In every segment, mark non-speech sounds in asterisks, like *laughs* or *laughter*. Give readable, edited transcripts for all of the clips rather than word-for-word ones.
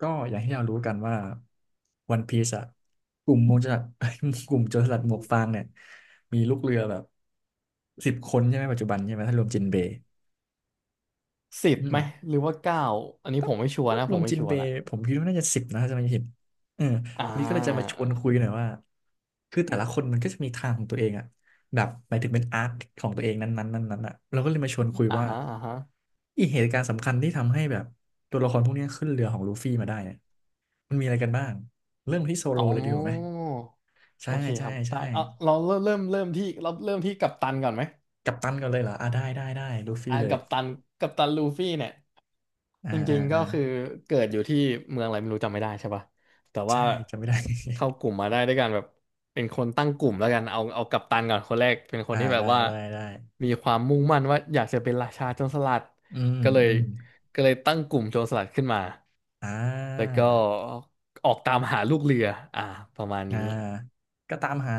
ก็อย่างที่เรารู้กันว่าวันพีซอะกลุ่มโมูจรสลัด *laughs* กลุ่มโจรสลัดหมวกฟางเนี่ย มีลูกเรือแบบสิบคนใช่ไหมปัจจุบันใช่ไหมถ้ารวมจินเบย์สิบอืม ไหมหรือว่าเก้าอันนี้ถ้าผมไม่ชัวร์ถ้านะรผวมมไม่จินชัวเบร์ละย์ผมคิดว่าน่าจะสิบนะถ้าจะไม่ผิดเอออ่วันนี้ก็เลยจะมาชาวนคุยหน่อยว่าคือแต่ละคนมันก็จะมีทางของตัวเองอะแบบหมายถึงเป็นอาร์คของตัวเองนั้นๆนั้นนั้นอะเราก็เลยมาชวนคุยอ่าว่าฮะอ่าฮะอีเหตุการณ์สำคัญที่ทำให้แบบตัวละครพวกเนี้ยขึ้นเรือของลูฟี่มาได้เนี่ยมันมีอะไรกันบ้างเริ่มที่โซโลอ๋อเลยดีกว่าไหมใช่โอเคคใช่รับได้ใช่เอาเราเริ่มเริ่มเริ่มที่เราเริ่มที่กัปตันก่อนไหมกัปตันก่อนเลยเหรออ่าได้ได้ได้ลูฟี่อ่าเลยกัปตันลูฟี่เนี่ยอ่าจริอ่างๆก็อ่าคือเกิดอยู่ที่เมืองอะไรไม่รู้จำไม่ได้ใช่ปะแต่ว่าใช่จำไม่ได้ เข้ากลุ่มมาได้ด้วยกันแบบเป็นคนตั้งกลุ่มแล้วกันเอากัปตันก่อนคนแรกเป็นค *laughs* นอ่าที่แบบได้ว่าได้ได้มีความมุ่งมั่นว่าอยากจะเป็นราชาโจรสลัดอืมก็เลยอืม ก็เลยตั้งกลุ่มโจรสลัดขึ้นมา อ่แล้วาก็ออกตามหาลูกเรืออ่าประมาณอ่านี้ก็ตามหา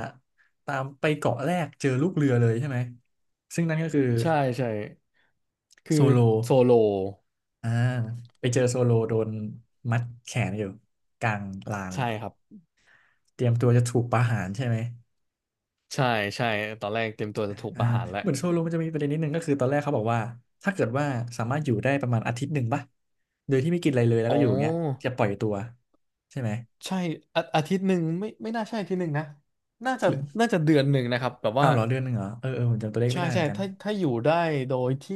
ตามไปเกาะแรกเจอลูกเรือเลยใช่ไหมซึ่งนั่นก็คือใช่ใช่คือโซโลโซโลอ่าไปเจอโซโลโดนมัดแขนอยู่กลางลานใช่ครับเตรียมตัวจะถูกประหารใช่ไหมใช่ใช่ตอนแรกเตรียมตัวจะถูกอ่าประหารแล้วเหมือนโซโลมันจะมีประเด็นนิดนึงก็คือตอนแรกเขาบอกว่าถ้าเกิดว่าสามารถอยู่ได้ประมาณอาทิตย์หนึ่งป่ะโดยที่ไม่กินอะไรเลยแล้วอ๋ก็อยู่อย่างเงี้ยอจะปล่อยตัวใช่ไหมใช่อาทิตย์หนึ่งไม่น่าใช่อาทิตย์หนึ่งนะน่าจะหรือน่าจะเดือนหนึ่งนะครับแบบอ้าว่า วเหรอเดือนหนึ่งเหรอเออเออผมจำตัวเลขใช่ไม่ได้เหมืใช่อนกันถ้าอยู่ได้โดยที่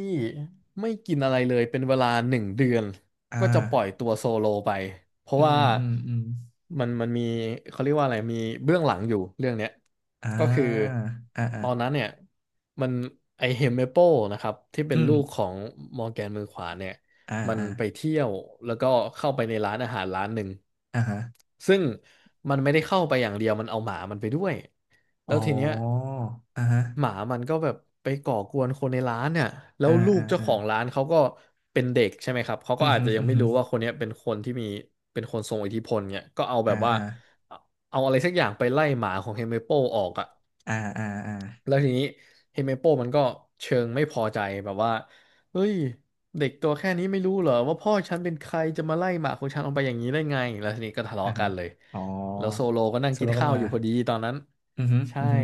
ไม่กินอะไรเลยเป็นเวลาหนึ่งเดือนอ่าก็จะปล่อยตัวโซโลไปเพราะอืว่ามอืมอืม มันมีเขาเรียกว่าอะไรมีเบื้องหลังอยู่เรื่องเนี้ยอ่ก็คือาอ่าอ่าตอนนั้นเนี่ยมันไอเฮมเมเปลนะครับที่เป็อืนมลูกของมอร์แกนมือขวาเนี่ย อ่ามันอ่าไปเที่ยวแล้วก็เข้าไปในร้านอาหารร้านหนึ่งอ่าฮะซึ่งมันไม่ได้เข้าไปอย่างเดียวมันเอาหมามันไปด้วยแล้อ๋อวทีเนี้ยอ่าฮะหมามันก็แบบไปก่อกวนคนในร้านเนี่ยแล้อ่าวลูอ่ากเจ้าอ่าของร้านเขาก็เป็นเด็กใช่ไหมครับเขาอืก็มอาจฮึจะยัอืงมไม่ฮึรู้ว่าคนเนี้ยเป็นคนที่มีเป็นคนทรงอิทธิพลเนี่ยก็เอาแบอ่าบว่าอ่าเอาอะไรสักอย่างไปไล่หมาของเฮเมโปออกอ่ะ อ่าอ่าอ่าแล้วทีนี้เฮเมโปมันก็เชิงไม่พอใจแบบว่าเฮ้ยเด็กตัวแค่นี้ไม่รู้เหรอว่าพ่อฉันเป็นใครจะมาไล่หมาของฉันออกไปอย่างนี้ได้ไงแล้วทีนี้ก็ทะอ่าเลาะฮะกันเลยอ๋อแล้วโซโลก็นั่งโซกิโลนก็ข้าวมาอยู่พอดีตอนนั้นอืมฮึใช่อืมฮึ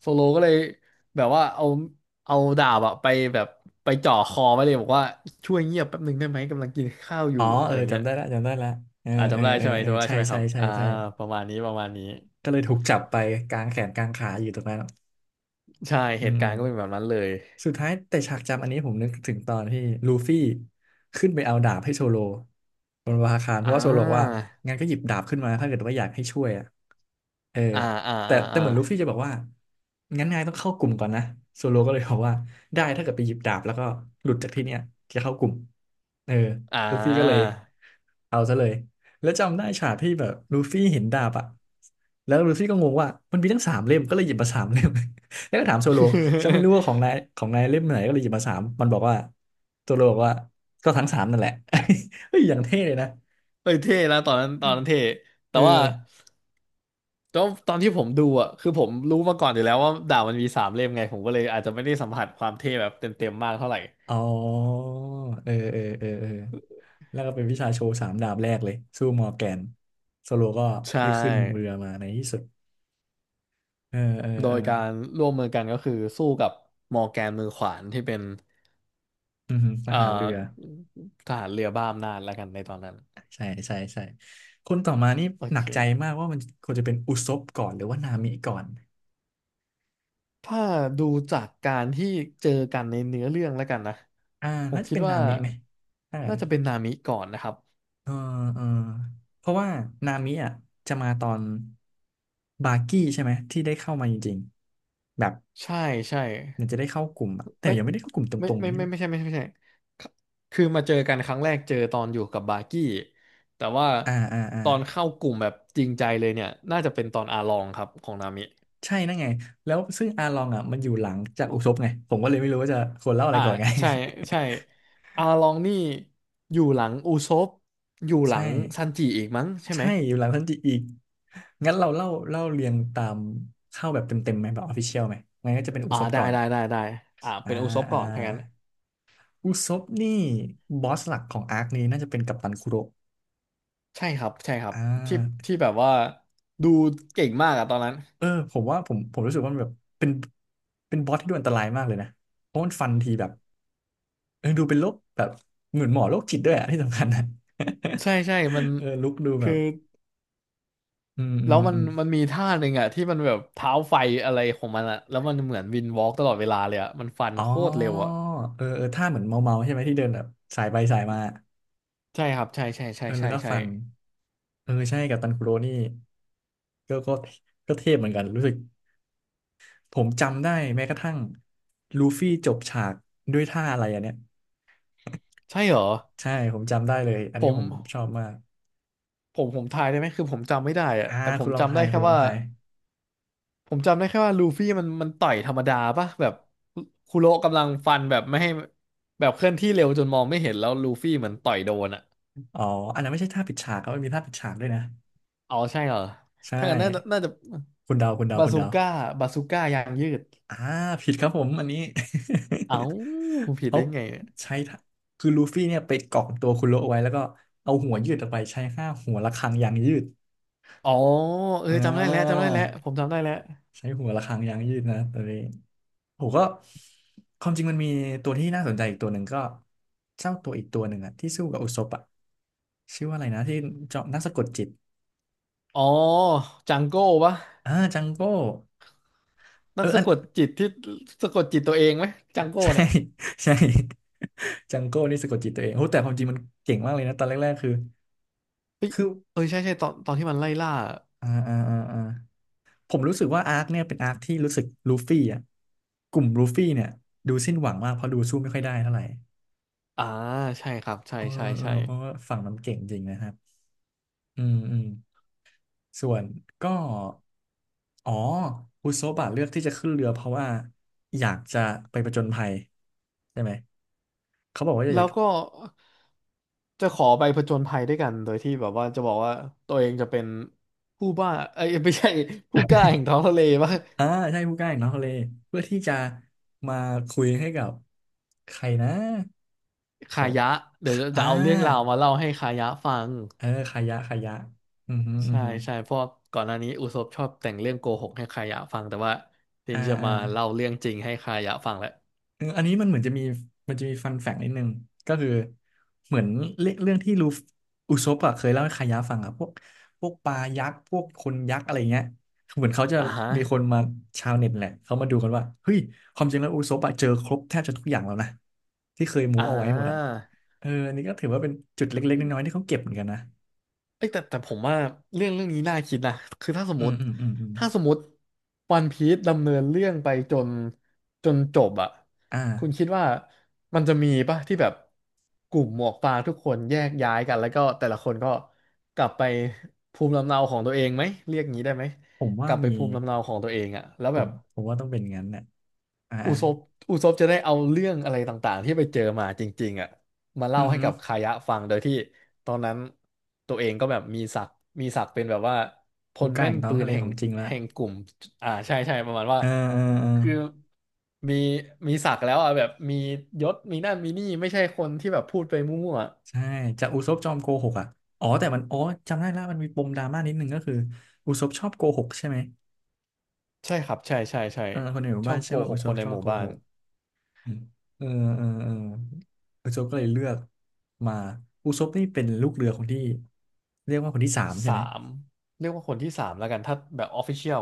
โซโลก็เลยแบบว่าเอาดาบอะไปแบบไปจ่อคอไว้เลยบอกว่าช่วยเงียบแป๊บหนึ่งได้ไหมกำลังกินข้าวออ๋ยู่ออะเออไรเงี้จำยได้ละจำได้ละเอออ่าเออจำได้เออใช่ไหมเออจำได้ใช่ใช่ไหมคใช่รับใช่อ่าใช่ประมาณนี้ประมาณนี้ก็เลยถูกจับไปกลางแขนกลางขาอยู่ตรงนั้นใช่อืเหตุม การณ์ก็เป็นแบบนั้นเลยสุดท้ายแต่ฉากจำอันนี้ผมนึกถึงตอนที่ลูฟี่ขึ้นไปเอาดาบให้โซโลบนวาคารเพอ่ราะว่าโซโลบอกว่าา งั้นก็หยิบดาบขึ้นมาถ้าเกิดว่าอยากให้ช่วยอ่ะเอออ่าอ่าแต่อ่าแต่อ่าเหมือนลูฟี่จะบอกว่างั้นนายต้องเข้ากลุ่มก่อนนะโซโลก็เลยบอกว่าได้ถ้าเกิดไปหยิบดาบแล้วก็หลุดจากที่เนี้ยจะเข้ากลุ่มเอออ่า ลูฟี่ก็เลยเอาซะเลยแล้วจำได้ฉากที่แบบลูฟี่เห็นดาบอ่ะแล้วลูฟี่ก็งงว่ามันมีทั้งสามเล่มก็เลยหยิบมาสามเล่ม แล้วก็ถามโซโลฉันไม่รู้ *laughs* ว่าของนายของนายเล่มไหนก็เลยหยิบมาสามมันบอกว่าโซโลบอกว่าก็ทั้งสามนั่นแหละ *laughs* เฮ้ยอย่างเท่เลยนะเฮ้ยเท่นะตอนนั้นตอนนั้นเท่แต่เออว่าตอนที่ผมดูอ่ะคือผมรู้มาก่อนอยู่แล้วว่าดาบมันมีสามเล่มไงผมก็เลยอาจจะไม่ได้สัมผัสความเท่แบบเต็มๆมากเท่าไหร่อ๋อเออเออเออเออแล้วก็เป็นวิชาโชว์สามดาบแรกเลยสู้มอร์แกนโซโลก็ใช่ได้ขึ้นเรือมาในที่สุดเออเออโดเออยการร่วมมือกันก็คือสู้กับมอร์แกนมือขวานที่เป็นอืมทเอ่อหารเรือทหารเรือบ้าอำนาจแล้วกันในตอนนั้นใช่ใช่ใช่คนต่อมานี่โอหนัเค กใจมากว่ามันควรจะเป็นอุซบก่อนหรือว่านามิก่อนถ้าดูจากการที่เจอกันในเนื้อเรื่องแล้วกันนะอ่าผมน่าจะคิดเป็นนาว่ามิไหมถ้างั้น น่าจะเป็นนามิก่อนนะครับเออเออเพราะว่านามิอ่ะจะมาตอนบากี้ใช่ไหมที่ได้เข้ามาจริงๆแบบใช่ใช่เหมันจะได้เข้ากลุ่มอะแต่เอ้ยยังไม่ได้เข้ากลุ่มตรงๆใช่ไหมไม่ใช่ไม่ใช่คคือมาเจอกันครั้งแรกเจอตอนอยู่กับบาร์กี้แต่ว่าอ่าอ่าอ่าตอนเข้ากลุ่มแบบจริงใจเลยเนี่ยน่าจะเป็นตอนอาลองครับของนามิใช่นั่นไงแล้วซึ่งอาลองอ่ะมันอยู่หลังจากอุซบไงผมก็เลยไม่รู้ว่าจะควรเล่าอะไรอ่าก่อนไง ใช่ใช่อาลองนี่อยู่หลังอุซปอยู่ *laughs* หลัใช่งซันจิอีกมั้งใช่ไหมใช่อยู่หลังทันจิอีกงั้นเราเล่าเรียงตามเข้าแบบเต็มๆไหมแบบออฟฟิเชียลไหมงั้นก็จะเป็นอุอ่าซบก่อนได้อ่าอ่าเป็นอุซปอ่าก่อนถ้างั้น อุซบนี่บอสหลักของอาร์คนี้น่าจะเป็นกัปตันคุโระ ใช่ครับใช่ครับอ่ที่าที่แบบว่าดูเก่งมากอะตอนนั้นเออผมว่าผมรู้สึกว่ามันแบบเป็นเป็นบอสที่ดูอันตรายมากเลยนะเพราะมันฟันทีแบบเออดูเป็นโรคแบบเหมือนหมอโรคจิตด้วยอะที่สำคัญนะ ใช่ใช่มัน *laughs* เออลุกดูแบคือบอืมอืแล้วมมันอืมมันมีท่าหนึ่งอะที่มันแบบเท้าไฟอะไรของมันอะแล้วมันเหมือนวินวอล์กตลอดเวลาเลยอะมันฟันอ๋โคตรเร็อวอะเออเออท่าเหมือนเมาเมาใช่ไหมที่เดินแบบสายไปสายมาใช่ครับเออแล้วก็ใช่ฟันเออใช่กับตันคุโรนี่ก็ก็ก็เทพเหมือนกันรู้สึกผมจำได้แม้กระทั่งลูฟี่จบฉากด้วยท่าอะไรอันเนี้ย ใช่เหรอใช่ผมจำได้เลยอันผนี้ผมมชอบมากผมทายได้ไหมคือผมจำไม่ได้อะอ่าแต่ผคุมณลองจำทาได้ยคุแค่ณลองว่าทายผมจำได้แค่ว่าลูฟี่มันต่อยธรรมดาปะแบบคุโระกำลังฟันแบบไม่ให้แบบเคลื่อนที่เร็วจนมองไม่เห็นแล้วลูฟี่เหมือนต่อยโดนอะ อ๋ออันนั้นไม่ใช่ท่าปิดฉากครับมันมีท่าปิดฉากด้วยนะอ๋อใช่เหรอใช่ถ้างั้นน่าจะน่าจะคุณเดาคุณเดาบาคุณซูเดาก้าบาซูก้ายางยืดอ่าผิดครับผมอันนี้ เอ้า *laughs* ผิดเขาได้ไงเนี่ยใช้ท่าคือลูฟี่เนี่ยไปเกาะตัวคุณโลเอาไว้แล้วก็เอาหัวยืดออกไปใช้ห้าหัวระฆังยางยืดอ๋อเอออ่จำได้แล้วจำาได้แล้วผมจำได้แล้วใช้หัวระฆังยางยืดนะตัวนี้ ผมก็ความจริงมันมีตัวที่น่าสนใจอีกตัวหนึ่งก็เจ้าตัวอีกตัวหนึ่งอะที่สู้กับอุศปอะชื่อว่าอะไรนะที่เจาะนักสะกดจิตอ๋อจังโก้ปะอ่าจังโก้นัเออกอัสะน กดจิตที่สะกดจิตตัวเองไหมจัง *laughs* โก้ใช่เนี่ยใช่ *laughs* จังโก้นี่สะกดจิตตัวเองโอ้แต่ความจริงมันเก่งมากเลยนะตอนแรกๆคือเออใช่ใช่ตอนที่มันไล่ล่าอ่าอ่าอ่าอ่าผมรู้สึกว่าอาร์คเนี่ยเป็นอาร์คที่รู้สึกลูฟี่อ่ะกลุ่มลูฟี่เนี่ยดูสิ้นหวังมากเพราะดูสู้ไม่ค่อยได้เท่าไหร่อ่าใช่ครับใช่เออใช่เออใช่เพราะว่าฝั่งมันเก่งจริงนะครับอืมอืม ส่วนก็อ๋ออุโซบะเลือกที่จะขึ้นเรือเพราะว่าอยากจะไปผจญภัยใช่ไหมเขาบอกว่าจะอแล้ยากวก็จะขอไปผจญภัยด้วยกันโดยที่แบบว่าจะบอกว่าตัวเองจะเป็นผู้บ้าเอ้ยไม่ใช่ผู้กล้าแห่งท้องทะเลปะ อ่าใช่ผู้กล้าอย่างน้องทะเลเพื่อที่จะมาคุยให้กับใครนะคาเขายะเดี๋ยวอ่าจะเอาเรื่องราวมาเล่าให้คายะฟังเออขายะขายะอือฮึอือใช่ฮึใช่เพราะก่อนหน้านี้อุศบชอบแต่งเรื่องโกหกให้คายะฟังแต่ว่าเดียอ่าวจะอ่า มาเล่าเรื่องจริงให้คายะฟังแหละเอออันนี้มันเหมือนจะมีมันจะมีฟันแฟกนิดนึงก็คือเหมือนเรื่องที่อุซปอะเคยเล่าให้คายะฟังอะพวกปลายักษ์พวกคนยักษ์อะไรเงี้ยเหมือนเขาจะอ่าฮะมีคนมาชาวเน็ตแหละเขามาดูกันว่าเฮ้ยความจริงแล้วอุซปอะเจอครบแทบจะทุกอย่างแล้วนะที่เคยมูอ่เอาไว้หมดอะา เอออันนี้ก็ถือว่าเป็นจุดเล็กๆน้อยๆที่เขาเก็บเหมือนกันนะเอ้ยแต่ผมว่าเรื่องนี้น่าคิดนะคือถ้าสมอืมมติอืมอืมอืมถ้าสมมติวันพีซดำเนินเรื่องไปจนจบอ่ะอ่คุณคิาดว่ามันจะมีป่ะที่แบบกลุ่มหมวกฟางทุกคนแยกย้ายกันแล้วก็แต่ละคนก็กลับไปภูมิลำเนาของตัวเองไหมเรียกงี้ได้ไหมผมกว่าลับไปมีภูมิลำเนาของตัวเองอ่ะแล้วผแบมบ ผมว่าต้องเป็นงั้นน่ะอ่าอุอ่าซบอุซบจะได้เอาเรื่องอะไรต่างๆที่ไปเจอมาจริงๆอ่ะมาอืเล่าอให้ฮึกับคายะฟังโดยที่ตอนนั้นตัวเองก็แบบมีศักดิ์เป็นแบบว่าพฮูลก้าแม่แห่นงท้อปืงทะนเลแห่ขงองจริงละแห่งกลุ่มอ่าใช่ใช่ประมาณว่าเออเออเออ คือมีมีศักดิ์แล้วอ่ะแบบมียศมีนั่นมีนี่ไม่ใช่คนที่แบบพูดไปมั่วใช่จากอุซบจอมโกหกอ่ะอ๋อจำได้ละมันมีปมดราม่านิดนึงก็คืออุซบชอบโกหกใช่ไหมๆใช่ครับใช่ใช่ใช่เออคนในหมู่ชอบ้าบนเชื่โกอว่าหอุกซคบนในชอหบมู่โกบ้าหนกอืมเออเออเอออุซบก็เลยเลือกมาอุซบนี่เป็นลูกเรือคนที่เรียกว่าคนที่สามใช่สาไหมมเรียกว่าคนที่สามแล้วกันถ้าแบบออฟฟิเชียล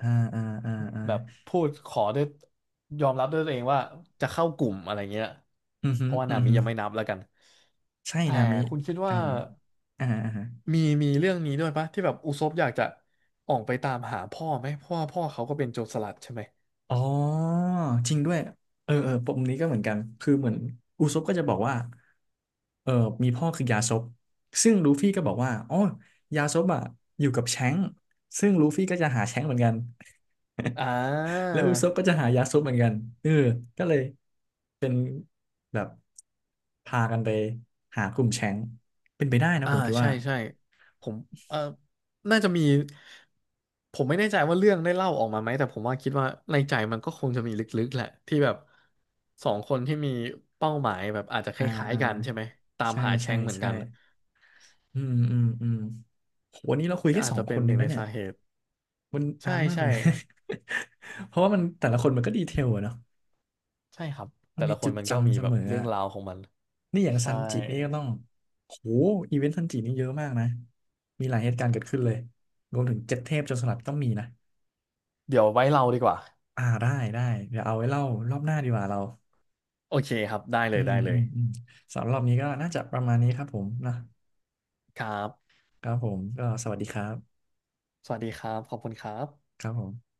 อ่าอ่าอ่าอ่าแบบพูดขอด้วยยอมรับด้วยตัวเองว่าจะเข้ากลุ่มอะไรเงี้ยอือเพฮึราะว่าอืนาอมิฮึยังไม่นับแล้วกัน ใช่แต่นามิคุณคิดไก่ว่าอ่าอ่า มีเรื่องนี้ด้วยปะที่แบบอุซบอยากจะออกไปตามหาพ่อไหมเพราะว่าพ่อเขาก็เป็นโจรสลัดใช่ไหมอ๋อจริงด้วยเออเออปมนี้ก็เหมือนกันคือเหมือนอุซบก็จะบอกว่าเออมีพ่อคือยาซบซึ่งลูฟี่ก็บอกว่าอ๋อยาซบอ่ะอยู่กับแชงก์ซึ่งลูฟี่ก็จะหาแชงก์เหมือนกันอ่า และอุซบก็จะหายาซบเหมือนกันเออก็เลยแบบพากันไปหากลุ่มแชงก์เป็นไปได้นะอ่าผมคิดใช่ว่าใช่ผมเออน่าจะมีผมไม่แน่ใจว่าเรื่องได้เล่าออกมาไหมแต่ผมว่าคิดว่าในใจมันก็คงจะมีลึกๆแหละที่แบบสองคนที่มีเป้าหมายแบบอาจจะคอ่าล้ายอ่าๆกันใช่ไหมตามใช่หาแชใช่งเหมือนใช่กันอืมอืมอืมโหวันนี้เราคุยก็แค่อาสจองจะคเป็นนหเองนึ่งแล้ในวเนี่ย สาเหตุมันใช่นานมากเลใช่ยนะ *laughs* เพราะว่ามันแต่ละคนมันก็ดีเทลอะเนาะใช่ครับมันแต่มีละคจุนดมันก็มีจำเสแบบมอเรื่ออะงราวของมันนี่อย่างซัใช่นจินี่ก็ต้องโหอีเวนต์ซันจินี่เยอะมากนะมีหลายเหตุการณ์เกิดขึ้นเลยรวมถึงเจ็ดเทพโจรสลัดก็มีนะเดี๋ยวไว้เราดีกว่าได้ได้เดี๋ยวเอาไว้เล่ารอบหน้าดีกว่าเราโอเคครับได้เลอืยมได้เลอืยมอืมสำหรับรอบนี้ก็น่าจะประมาณนี้ครับผมนะครับครับผมก็สวัสดีครับสวัสดีครับขอบคุณครับครับผม